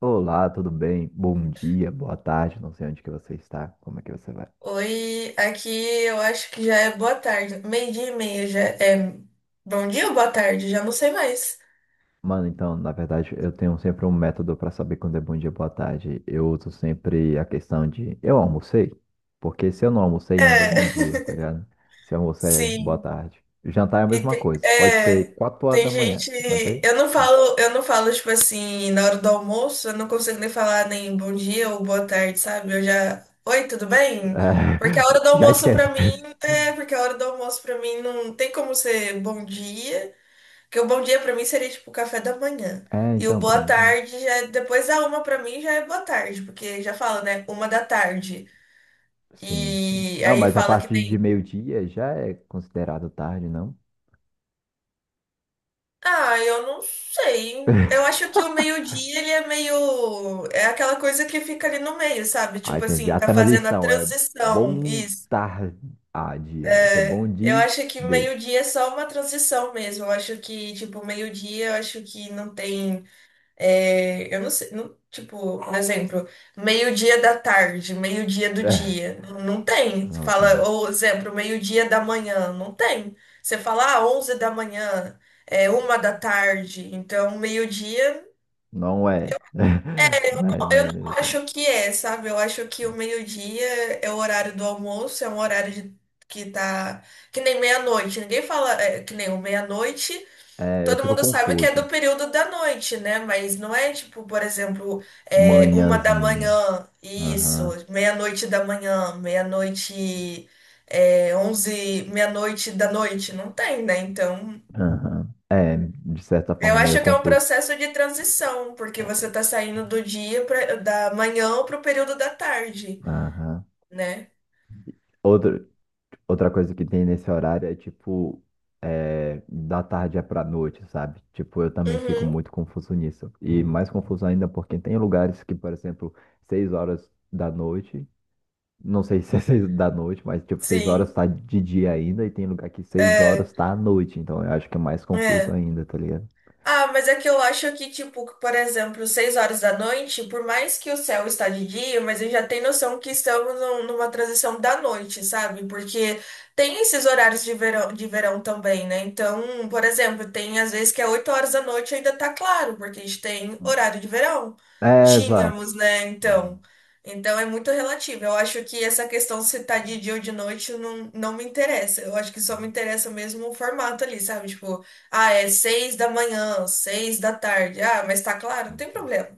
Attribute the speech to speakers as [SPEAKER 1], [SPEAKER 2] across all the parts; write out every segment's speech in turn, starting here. [SPEAKER 1] Olá, tudo bem? Bom dia, boa tarde, não sei onde que você está, como é que você vai?
[SPEAKER 2] Oi, aqui eu acho que já é boa tarde. Meio-dia e meia já é bom dia ou boa tarde? Já não sei mais.
[SPEAKER 1] Mano, então, na verdade, eu tenho sempre um método para saber quando é bom dia, boa tarde. Eu uso sempre a questão de eu almocei, porque se eu não almocei ainda é
[SPEAKER 2] É,
[SPEAKER 1] bom dia, tá ligado? Se eu almocei, é boa
[SPEAKER 2] sim.
[SPEAKER 1] tarde. Jantar é a
[SPEAKER 2] E
[SPEAKER 1] mesma
[SPEAKER 2] tem,
[SPEAKER 1] coisa, pode ser 4 horas
[SPEAKER 2] tem
[SPEAKER 1] da manhã,
[SPEAKER 2] gente.
[SPEAKER 1] jantei?
[SPEAKER 2] Eu não falo, tipo assim, na hora do almoço, eu não consigo nem falar nem bom dia ou boa tarde, sabe? Eu já. Oi, tudo bem?
[SPEAKER 1] É,
[SPEAKER 2] Porque a hora do
[SPEAKER 1] já
[SPEAKER 2] almoço pra
[SPEAKER 1] esquece.
[SPEAKER 2] mim. Porque a hora do almoço pra mim não tem como ser bom dia. Porque o bom dia pra mim seria tipo o café da manhã.
[SPEAKER 1] É,
[SPEAKER 2] E o
[SPEAKER 1] então, pra
[SPEAKER 2] boa
[SPEAKER 1] mim tem isso.
[SPEAKER 2] tarde depois da uma pra mim já é boa tarde, porque já fala, né? Uma da tarde.
[SPEAKER 1] Sim, sim.
[SPEAKER 2] E
[SPEAKER 1] Não,
[SPEAKER 2] aí
[SPEAKER 1] mas a
[SPEAKER 2] fala que
[SPEAKER 1] partir de
[SPEAKER 2] nem.
[SPEAKER 1] meio-dia já é considerado tarde, não?
[SPEAKER 2] Ah, eu não sei. Eu acho que o meio-dia ele é meio. É aquela coisa que fica ali no meio, sabe?
[SPEAKER 1] Ah,
[SPEAKER 2] Tipo
[SPEAKER 1] entendi.
[SPEAKER 2] assim,
[SPEAKER 1] A
[SPEAKER 2] tá fazendo a
[SPEAKER 1] transição é
[SPEAKER 2] transição.
[SPEAKER 1] bom
[SPEAKER 2] Isso.
[SPEAKER 1] tarde. Ah, dia. É tipo, bom
[SPEAKER 2] Eu
[SPEAKER 1] dia.
[SPEAKER 2] acho que
[SPEAKER 1] Day.
[SPEAKER 2] meio-dia é só uma transição mesmo. Eu acho que, tipo, meio-dia, eu acho que não tem. É, eu não sei, tipo, por exemplo, meio-dia da tarde, meio-dia do
[SPEAKER 1] É,
[SPEAKER 2] dia, não tem. Você
[SPEAKER 1] não
[SPEAKER 2] fala,
[SPEAKER 1] tem.
[SPEAKER 2] ou exemplo, meio-dia da manhã, não tem. Você fala, ah, 11 da manhã, é uma da tarde, então meio-dia,
[SPEAKER 1] Não é. Não é
[SPEAKER 2] eu
[SPEAKER 1] manhã
[SPEAKER 2] não
[SPEAKER 1] de tarde.
[SPEAKER 2] acho que é, sabe? Eu acho que o meio-dia é o horário do almoço, é um que tá, que nem meia-noite, ninguém fala, que nem o meia-noite.
[SPEAKER 1] É, eu
[SPEAKER 2] Todo
[SPEAKER 1] fico
[SPEAKER 2] mundo sabe que é do
[SPEAKER 1] confuso.
[SPEAKER 2] período da noite, né? Mas não é tipo, por exemplo, uma da
[SPEAKER 1] Manhãzinha.
[SPEAKER 2] manhã, isso,
[SPEAKER 1] Aham.
[SPEAKER 2] meia-noite da manhã, meia-noite, é, onze, meia-noite da noite, não tem, né? Então,
[SPEAKER 1] Aham. É, de certa
[SPEAKER 2] eu
[SPEAKER 1] forma, é meio
[SPEAKER 2] acho que é um
[SPEAKER 1] confuso.
[SPEAKER 2] processo de transição, porque você tá saindo do da manhã pro período da tarde,
[SPEAKER 1] Aham.
[SPEAKER 2] né?
[SPEAKER 1] Outro. Outra coisa que tem nesse horário é tipo, é, da tarde é pra noite, sabe? Tipo, eu também fico
[SPEAKER 2] Uhum,
[SPEAKER 1] muito confuso nisso. E mais confuso ainda porque tem lugares que, por exemplo, 6 horas da noite, não sei se é 6 da noite, mas tipo, 6 horas
[SPEAKER 2] sim,
[SPEAKER 1] tá de dia ainda, e tem lugar que seis
[SPEAKER 2] é,
[SPEAKER 1] horas tá à noite. Então eu acho que é mais confuso
[SPEAKER 2] é.
[SPEAKER 1] ainda, tá ligado?
[SPEAKER 2] Ah, mas é que eu acho que, tipo, por exemplo, seis horas da noite, por mais que o céu está de dia, mas eu já tenho noção que estamos numa transição da noite, sabe? Porque tem esses horários de verão, também, né? Então, por exemplo, tem às vezes que é oito horas da noite e ainda tá claro, porque a gente tem horário de verão.
[SPEAKER 1] É, exato.
[SPEAKER 2] Tínhamos, né?
[SPEAKER 1] Aham.
[SPEAKER 2] Então é muito relativo. Eu acho que essa questão se tá de dia ou de noite não me interessa. Eu acho que só me interessa mesmo o formato ali, sabe? Tipo, ah, é seis da manhã, seis da tarde. Ah, mas tá claro, não tem problema.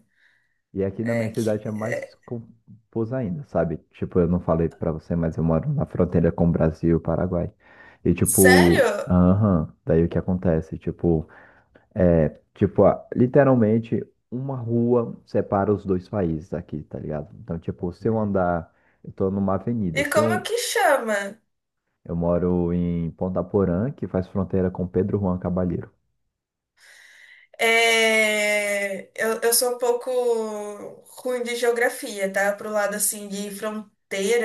[SPEAKER 1] E aqui na minha
[SPEAKER 2] É que.
[SPEAKER 1] cidade é mais
[SPEAKER 2] é-
[SPEAKER 1] confuso ainda, sabe? Tipo, eu não falei pra você, mas eu moro na fronteira com o Brasil e o Paraguai. E tipo,
[SPEAKER 2] Sério?
[SPEAKER 1] aham, daí o que acontece? Tipo, é, tipo, ah, literalmente uma rua separa os dois países aqui, tá ligado? Então, tipo, se eu andar, eu tô numa
[SPEAKER 2] E
[SPEAKER 1] avenida, se
[SPEAKER 2] como é
[SPEAKER 1] eu,
[SPEAKER 2] que chama?
[SPEAKER 1] eu moro em Ponta Porã, que faz fronteira com Pedro Juan Caballero.
[SPEAKER 2] É, eu sou um pouco ruim de geografia, tá? Pro lado assim de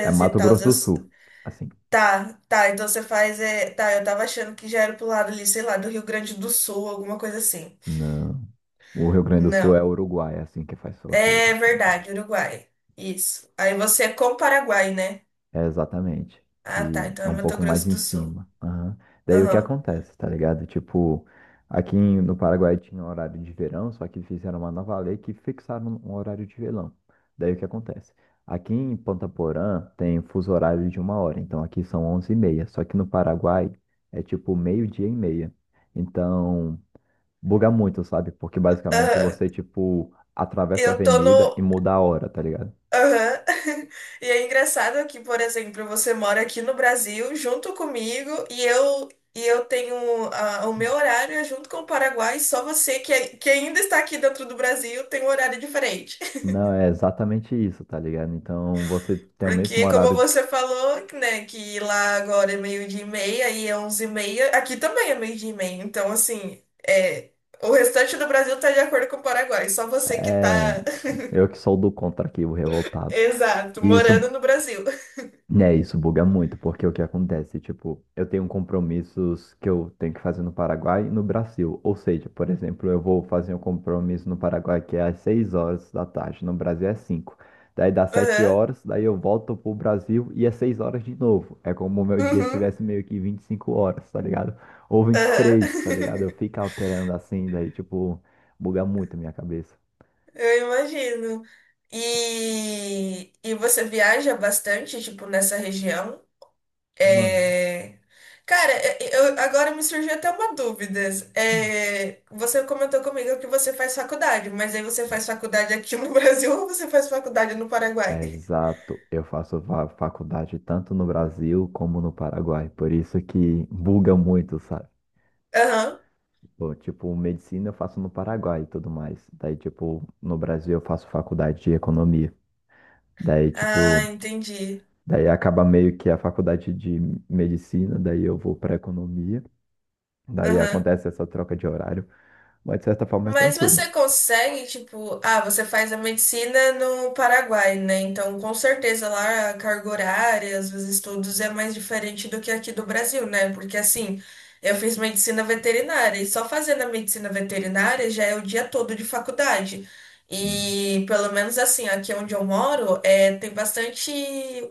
[SPEAKER 1] É
[SPEAKER 2] e
[SPEAKER 1] Mato
[SPEAKER 2] tal.
[SPEAKER 1] Grosso do Sul, assim.
[SPEAKER 2] Tá, tá, então você faz. É... Tá, eu tava achando que já era pro lado ali, sei lá, do Rio Grande do Sul, alguma coisa assim.
[SPEAKER 1] Não, o Rio Grande do Sul é
[SPEAKER 2] Não.
[SPEAKER 1] Uruguai, é assim que faz fronteira,
[SPEAKER 2] É
[SPEAKER 1] né?
[SPEAKER 2] verdade, Uruguai. Isso. Aí você é com o Paraguai, né?
[SPEAKER 1] É, exatamente.
[SPEAKER 2] Ah, tá.
[SPEAKER 1] Que
[SPEAKER 2] Então
[SPEAKER 1] é
[SPEAKER 2] é
[SPEAKER 1] um
[SPEAKER 2] Mato
[SPEAKER 1] pouco mais
[SPEAKER 2] Grosso
[SPEAKER 1] em
[SPEAKER 2] do Sul.
[SPEAKER 1] cima. Aham. Daí o que
[SPEAKER 2] Aham.
[SPEAKER 1] acontece, tá ligado? Tipo, no Paraguai tinha um horário de verão, só que fizeram uma nova lei que fixaram um horário de verão. Daí o que acontece? Aqui em Ponta Porã tem um fuso horário de 1 hora, então aqui são 11h30. Só que no Paraguai é tipo meio-dia e meia. Então, buga muito, sabe? Porque basicamente
[SPEAKER 2] Aham.
[SPEAKER 1] você, tipo, atravessa a
[SPEAKER 2] Eu tô
[SPEAKER 1] avenida e
[SPEAKER 2] no.
[SPEAKER 1] muda a hora, tá ligado?
[SPEAKER 2] Aham. E é engraçado que, por exemplo, você mora aqui no Brasil junto comigo e eu tenho ah, o meu horário é junto com o Paraguai, só você que ainda está aqui dentro do Brasil tem um horário diferente.
[SPEAKER 1] Não, é exatamente isso, tá ligado? Então você tem o mesmo
[SPEAKER 2] Porque, como
[SPEAKER 1] horário.
[SPEAKER 2] você falou, né, que lá agora é meio-dia e meia e é onze e meia, aqui também é meio-dia e meia. Então, assim, o restante do Brasil tá de acordo com o Paraguai, só você que tá.
[SPEAKER 1] É, eu que sou do contra aqui, o revoltado.
[SPEAKER 2] Exato,
[SPEAKER 1] E isso
[SPEAKER 2] morando no Brasil.
[SPEAKER 1] É, isso buga muito, porque o que acontece, tipo, eu tenho compromissos que eu tenho que fazer no Paraguai e no Brasil. Ou seja, por exemplo, eu vou fazer um compromisso no Paraguai que é às 6 horas da tarde, no Brasil é cinco. Daí dá sete
[SPEAKER 2] Aham,
[SPEAKER 1] horas, daí eu volto pro Brasil e é 6 horas de novo. É como o meu dia
[SPEAKER 2] uhum,
[SPEAKER 1] tivesse meio que 25 horas, tá ligado? Ou vinte e
[SPEAKER 2] aham.
[SPEAKER 1] três tá ligado? Eu fico alterando assim, daí, tipo, buga muito a minha cabeça.
[SPEAKER 2] Eu imagino. E você viaja bastante, tipo, nessa região?
[SPEAKER 1] Mano.
[SPEAKER 2] É... Cara, eu, agora me surgiu até uma dúvida. É, você comentou comigo que você faz faculdade, mas aí você faz faculdade aqui no Brasil ou você faz faculdade no Paraguai?
[SPEAKER 1] Exato, eu faço faculdade tanto no Brasil como no Paraguai, por isso que buga muito, sabe?
[SPEAKER 2] Aham.
[SPEAKER 1] Bom, tipo, medicina eu faço no Paraguai e tudo mais. Daí, tipo, no Brasil eu faço faculdade de economia. Daí,
[SPEAKER 2] Ah,
[SPEAKER 1] tipo,
[SPEAKER 2] entendi.
[SPEAKER 1] daí acaba meio que a faculdade de medicina, daí eu vou para economia. Daí
[SPEAKER 2] Aham.
[SPEAKER 1] acontece essa troca de horário, mas de certa forma é
[SPEAKER 2] Mas
[SPEAKER 1] tranquilo.
[SPEAKER 2] você consegue, tipo, ah, você faz a medicina no Paraguai, né? Então, com certeza lá a carga horária, os estudos é mais diferente do que aqui do Brasil, né? Porque assim, eu fiz medicina veterinária e só fazendo a medicina veterinária já é o dia todo de faculdade.
[SPEAKER 1] Hum,
[SPEAKER 2] E pelo menos assim, aqui onde eu moro, é, tem bastante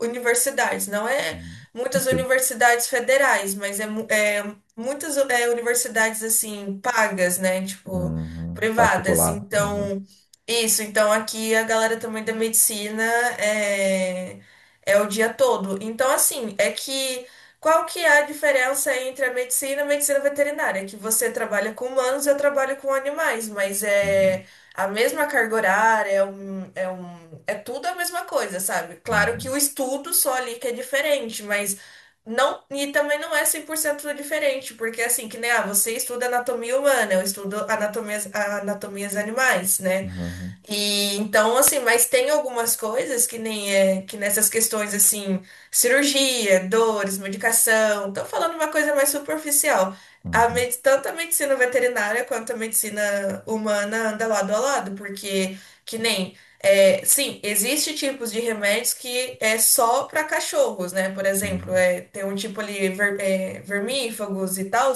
[SPEAKER 2] universidades, não é
[SPEAKER 1] hum. Vai
[SPEAKER 2] muitas
[SPEAKER 1] ser,
[SPEAKER 2] universidades federais, mas é muitas é, universidades assim pagas, né? Tipo
[SPEAKER 1] uhum,
[SPEAKER 2] privadas.
[SPEAKER 1] particular. Uhum,
[SPEAKER 2] Então, isso. Então, aqui a galera também da medicina é, é o dia todo. Então, assim, é que qual que é a diferença entre a medicina e a medicina veterinária? É que você trabalha com humanos e eu trabalho com animais, mas
[SPEAKER 1] uhum,
[SPEAKER 2] é a mesma carga horária, é tudo a mesma coisa, sabe? Claro que
[SPEAKER 1] uhum,
[SPEAKER 2] o estudo só ali que é diferente, mas não, e também não é 100% diferente, porque assim, que nem, ah, você estuda anatomia humana, anatomias animais, né?
[SPEAKER 1] uhum,
[SPEAKER 2] E então, assim, mas tem algumas coisas que nem é, que nessas questões, assim, cirurgia, dores, medicação, tô falando uma coisa mais superficial.
[SPEAKER 1] uhum,
[SPEAKER 2] Tanto a medicina veterinária quanto a medicina humana anda lado a lado, porque que nem, é, sim, existe tipos de remédios que é só para cachorros, né? Por exemplo,
[SPEAKER 1] uhum.
[SPEAKER 2] é, tem um tipo ali, vermífagos e tal.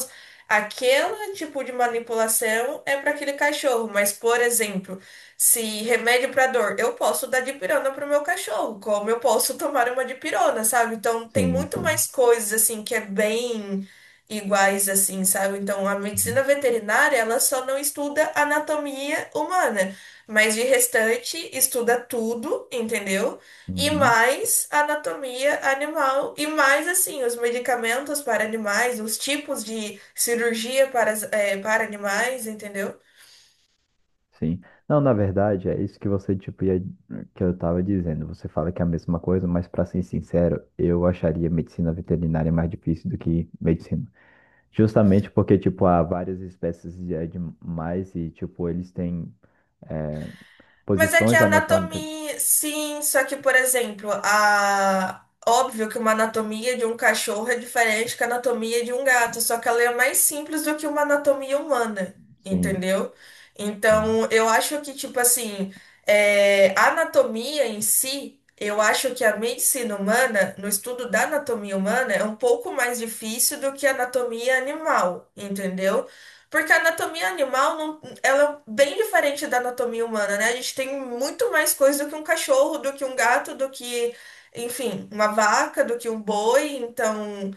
[SPEAKER 2] Aquele tipo de manipulação é para aquele cachorro, mas, por exemplo, se remédio para dor, eu posso dar dipirona pro meu cachorro, como eu posso tomar uma dipirona, sabe? Então tem
[SPEAKER 1] Sim,
[SPEAKER 2] muito
[SPEAKER 1] sim.
[SPEAKER 2] mais coisas assim que é bem iguais assim, sabe? Então a medicina
[SPEAKER 1] Uhum,
[SPEAKER 2] veterinária, ela só não estuda anatomia humana, mas de restante estuda tudo, entendeu? E
[SPEAKER 1] uhum,
[SPEAKER 2] mais anatomia animal e mais assim os medicamentos para animais, os tipos de cirurgia para animais, entendeu?
[SPEAKER 1] sim. Não, na verdade, é isso que você, tipo, ia, que eu tava dizendo. Você fala que é a mesma coisa, mas para ser sincero, eu acharia medicina veterinária mais difícil do que medicina. Justamente porque, tipo, há várias espécies de animais e, tipo, eles têm é,
[SPEAKER 2] Mas é que
[SPEAKER 1] posições
[SPEAKER 2] a
[SPEAKER 1] anatômicas.
[SPEAKER 2] anatomia, sim, só que, por exemplo, a... óbvio que uma anatomia de um cachorro é diferente que a anatomia de um gato, só que ela é mais simples do que uma anatomia humana,
[SPEAKER 1] Sim,
[SPEAKER 2] entendeu?
[SPEAKER 1] é,
[SPEAKER 2] Então, eu acho que, tipo assim, a anatomia em si, eu acho que a medicina humana, no estudo da anatomia humana, é um pouco mais difícil do que a anatomia animal, entendeu? Porque a anatomia animal não ela é bem diferente da anatomia humana, né? A gente tem muito mais coisa do que um cachorro, do que um gato, do que, enfim, uma vaca, do que um boi. Então,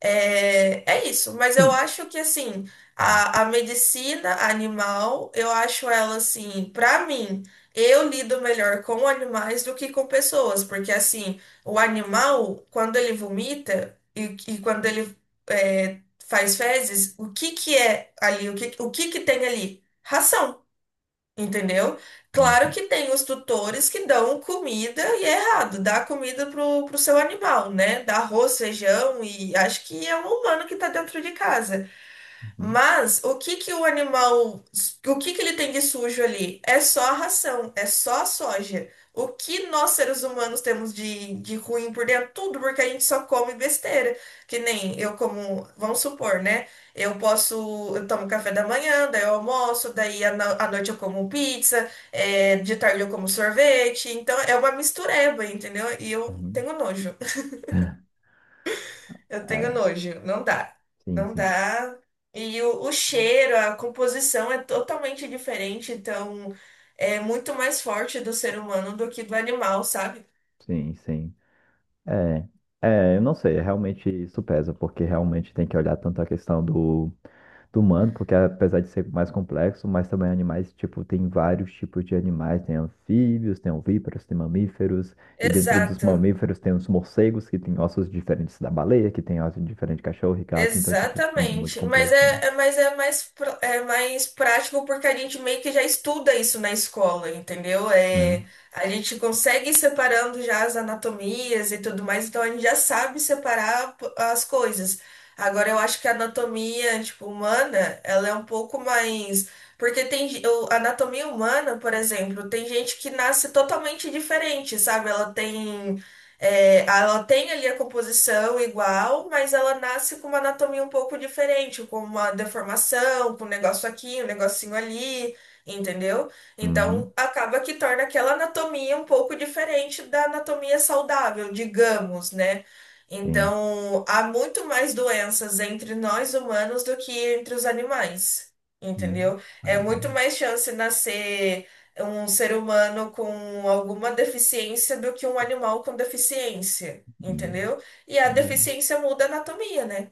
[SPEAKER 2] é isso, mas eu
[SPEAKER 1] sim.
[SPEAKER 2] acho que assim,
[SPEAKER 1] Uhum,
[SPEAKER 2] a medicina animal, eu acho ela assim, pra mim, eu lido melhor com animais do que com pessoas, porque assim, o animal, quando ele vomita e quando ele é, faz fezes, o que que é ali? O que que tem ali? Ração. Entendeu? Claro
[SPEAKER 1] uhum,
[SPEAKER 2] que tem os tutores que dão comida e é errado, dá comida pro seu animal, né? Dá arroz, feijão e acho que é um humano que tá dentro de casa.
[SPEAKER 1] uhum.
[SPEAKER 2] Mas o que que o animal, o que que ele tem de sujo ali? É só a ração, é só a soja. O que nós seres humanos temos de ruim por dentro? Tudo, porque a gente só come besteira. Que nem eu como, vamos supor, né? Eu posso, eu tomo café da manhã, daí eu almoço, daí à no- à noite eu como pizza, é, de tarde eu como sorvete. Então é uma mistureba, entendeu? E eu
[SPEAKER 1] Uhum.
[SPEAKER 2] tenho nojo. Eu tenho
[SPEAKER 1] É,
[SPEAKER 2] nojo, não dá,
[SPEAKER 1] sim,
[SPEAKER 2] não
[SPEAKER 1] sim.
[SPEAKER 2] dá. E o cheiro, a composição é totalmente diferente, então é muito mais forte do ser humano do que do animal, sabe?
[SPEAKER 1] Sim, sim. É, é, eu não sei, é realmente isso pesa, porque realmente tem que olhar tanto a questão do humano, porque apesar de ser mais complexo, mas também animais, tipo, tem vários tipos de animais, tem anfíbios, tem ovíparos, tem mamíferos, e dentro dos
[SPEAKER 2] Exato.
[SPEAKER 1] mamíferos tem os morcegos, que tem ossos diferentes da baleia, que tem ossos diferentes de cachorro e gato, então, tipo, é muito
[SPEAKER 2] Exatamente.
[SPEAKER 1] complexo, né?
[SPEAKER 2] Mas é mais, é mais prático porque a gente meio que já estuda isso na escola, entendeu? É,
[SPEAKER 1] Uhum,
[SPEAKER 2] a gente consegue ir separando já as anatomias e tudo mais, então a gente já sabe separar as coisas. Agora eu acho que a anatomia, tipo, humana, ela é um pouco mais. Porque a anatomia humana, por exemplo, tem gente que nasce totalmente diferente, sabe? Ela tem. É, ela tem ali a composição igual, mas ela nasce com uma anatomia um pouco diferente, com uma deformação, com um negócio aqui, um negocinho ali, entendeu? Então
[SPEAKER 1] uhum,
[SPEAKER 2] acaba que torna aquela anatomia um pouco diferente da anatomia saudável, digamos, né?
[SPEAKER 1] sim.
[SPEAKER 2] Então há muito mais doenças entre nós humanos do que entre os animais,
[SPEAKER 1] Uhum.
[SPEAKER 2] entendeu? É
[SPEAKER 1] Ai,
[SPEAKER 2] muito
[SPEAKER 1] daí-
[SPEAKER 2] mais chance nascer um ser humano com alguma deficiência do que um animal com deficiência,
[SPEAKER 1] hum,
[SPEAKER 2] entendeu? E a
[SPEAKER 1] entendi.
[SPEAKER 2] deficiência muda a anatomia, né?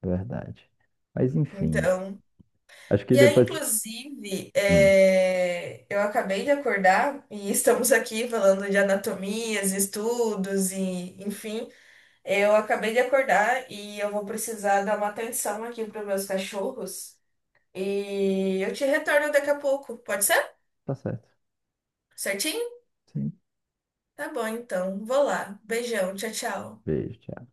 [SPEAKER 1] Verdade. Mas enfim,
[SPEAKER 2] Então,
[SPEAKER 1] acho que
[SPEAKER 2] e aí,
[SPEAKER 1] depois.
[SPEAKER 2] inclusive,
[SPEAKER 1] Hum,
[SPEAKER 2] é, eu acabei de acordar e estamos aqui falando de anatomias, estudos e, enfim, eu acabei de acordar e eu vou precisar dar uma atenção aqui para meus cachorros e eu te retorno daqui a pouco, pode ser?
[SPEAKER 1] tá certo.
[SPEAKER 2] Certinho?
[SPEAKER 1] Sim.
[SPEAKER 2] Tá bom, então. Vou lá. Beijão. Tchau, tchau.
[SPEAKER 1] Beijo, tchau.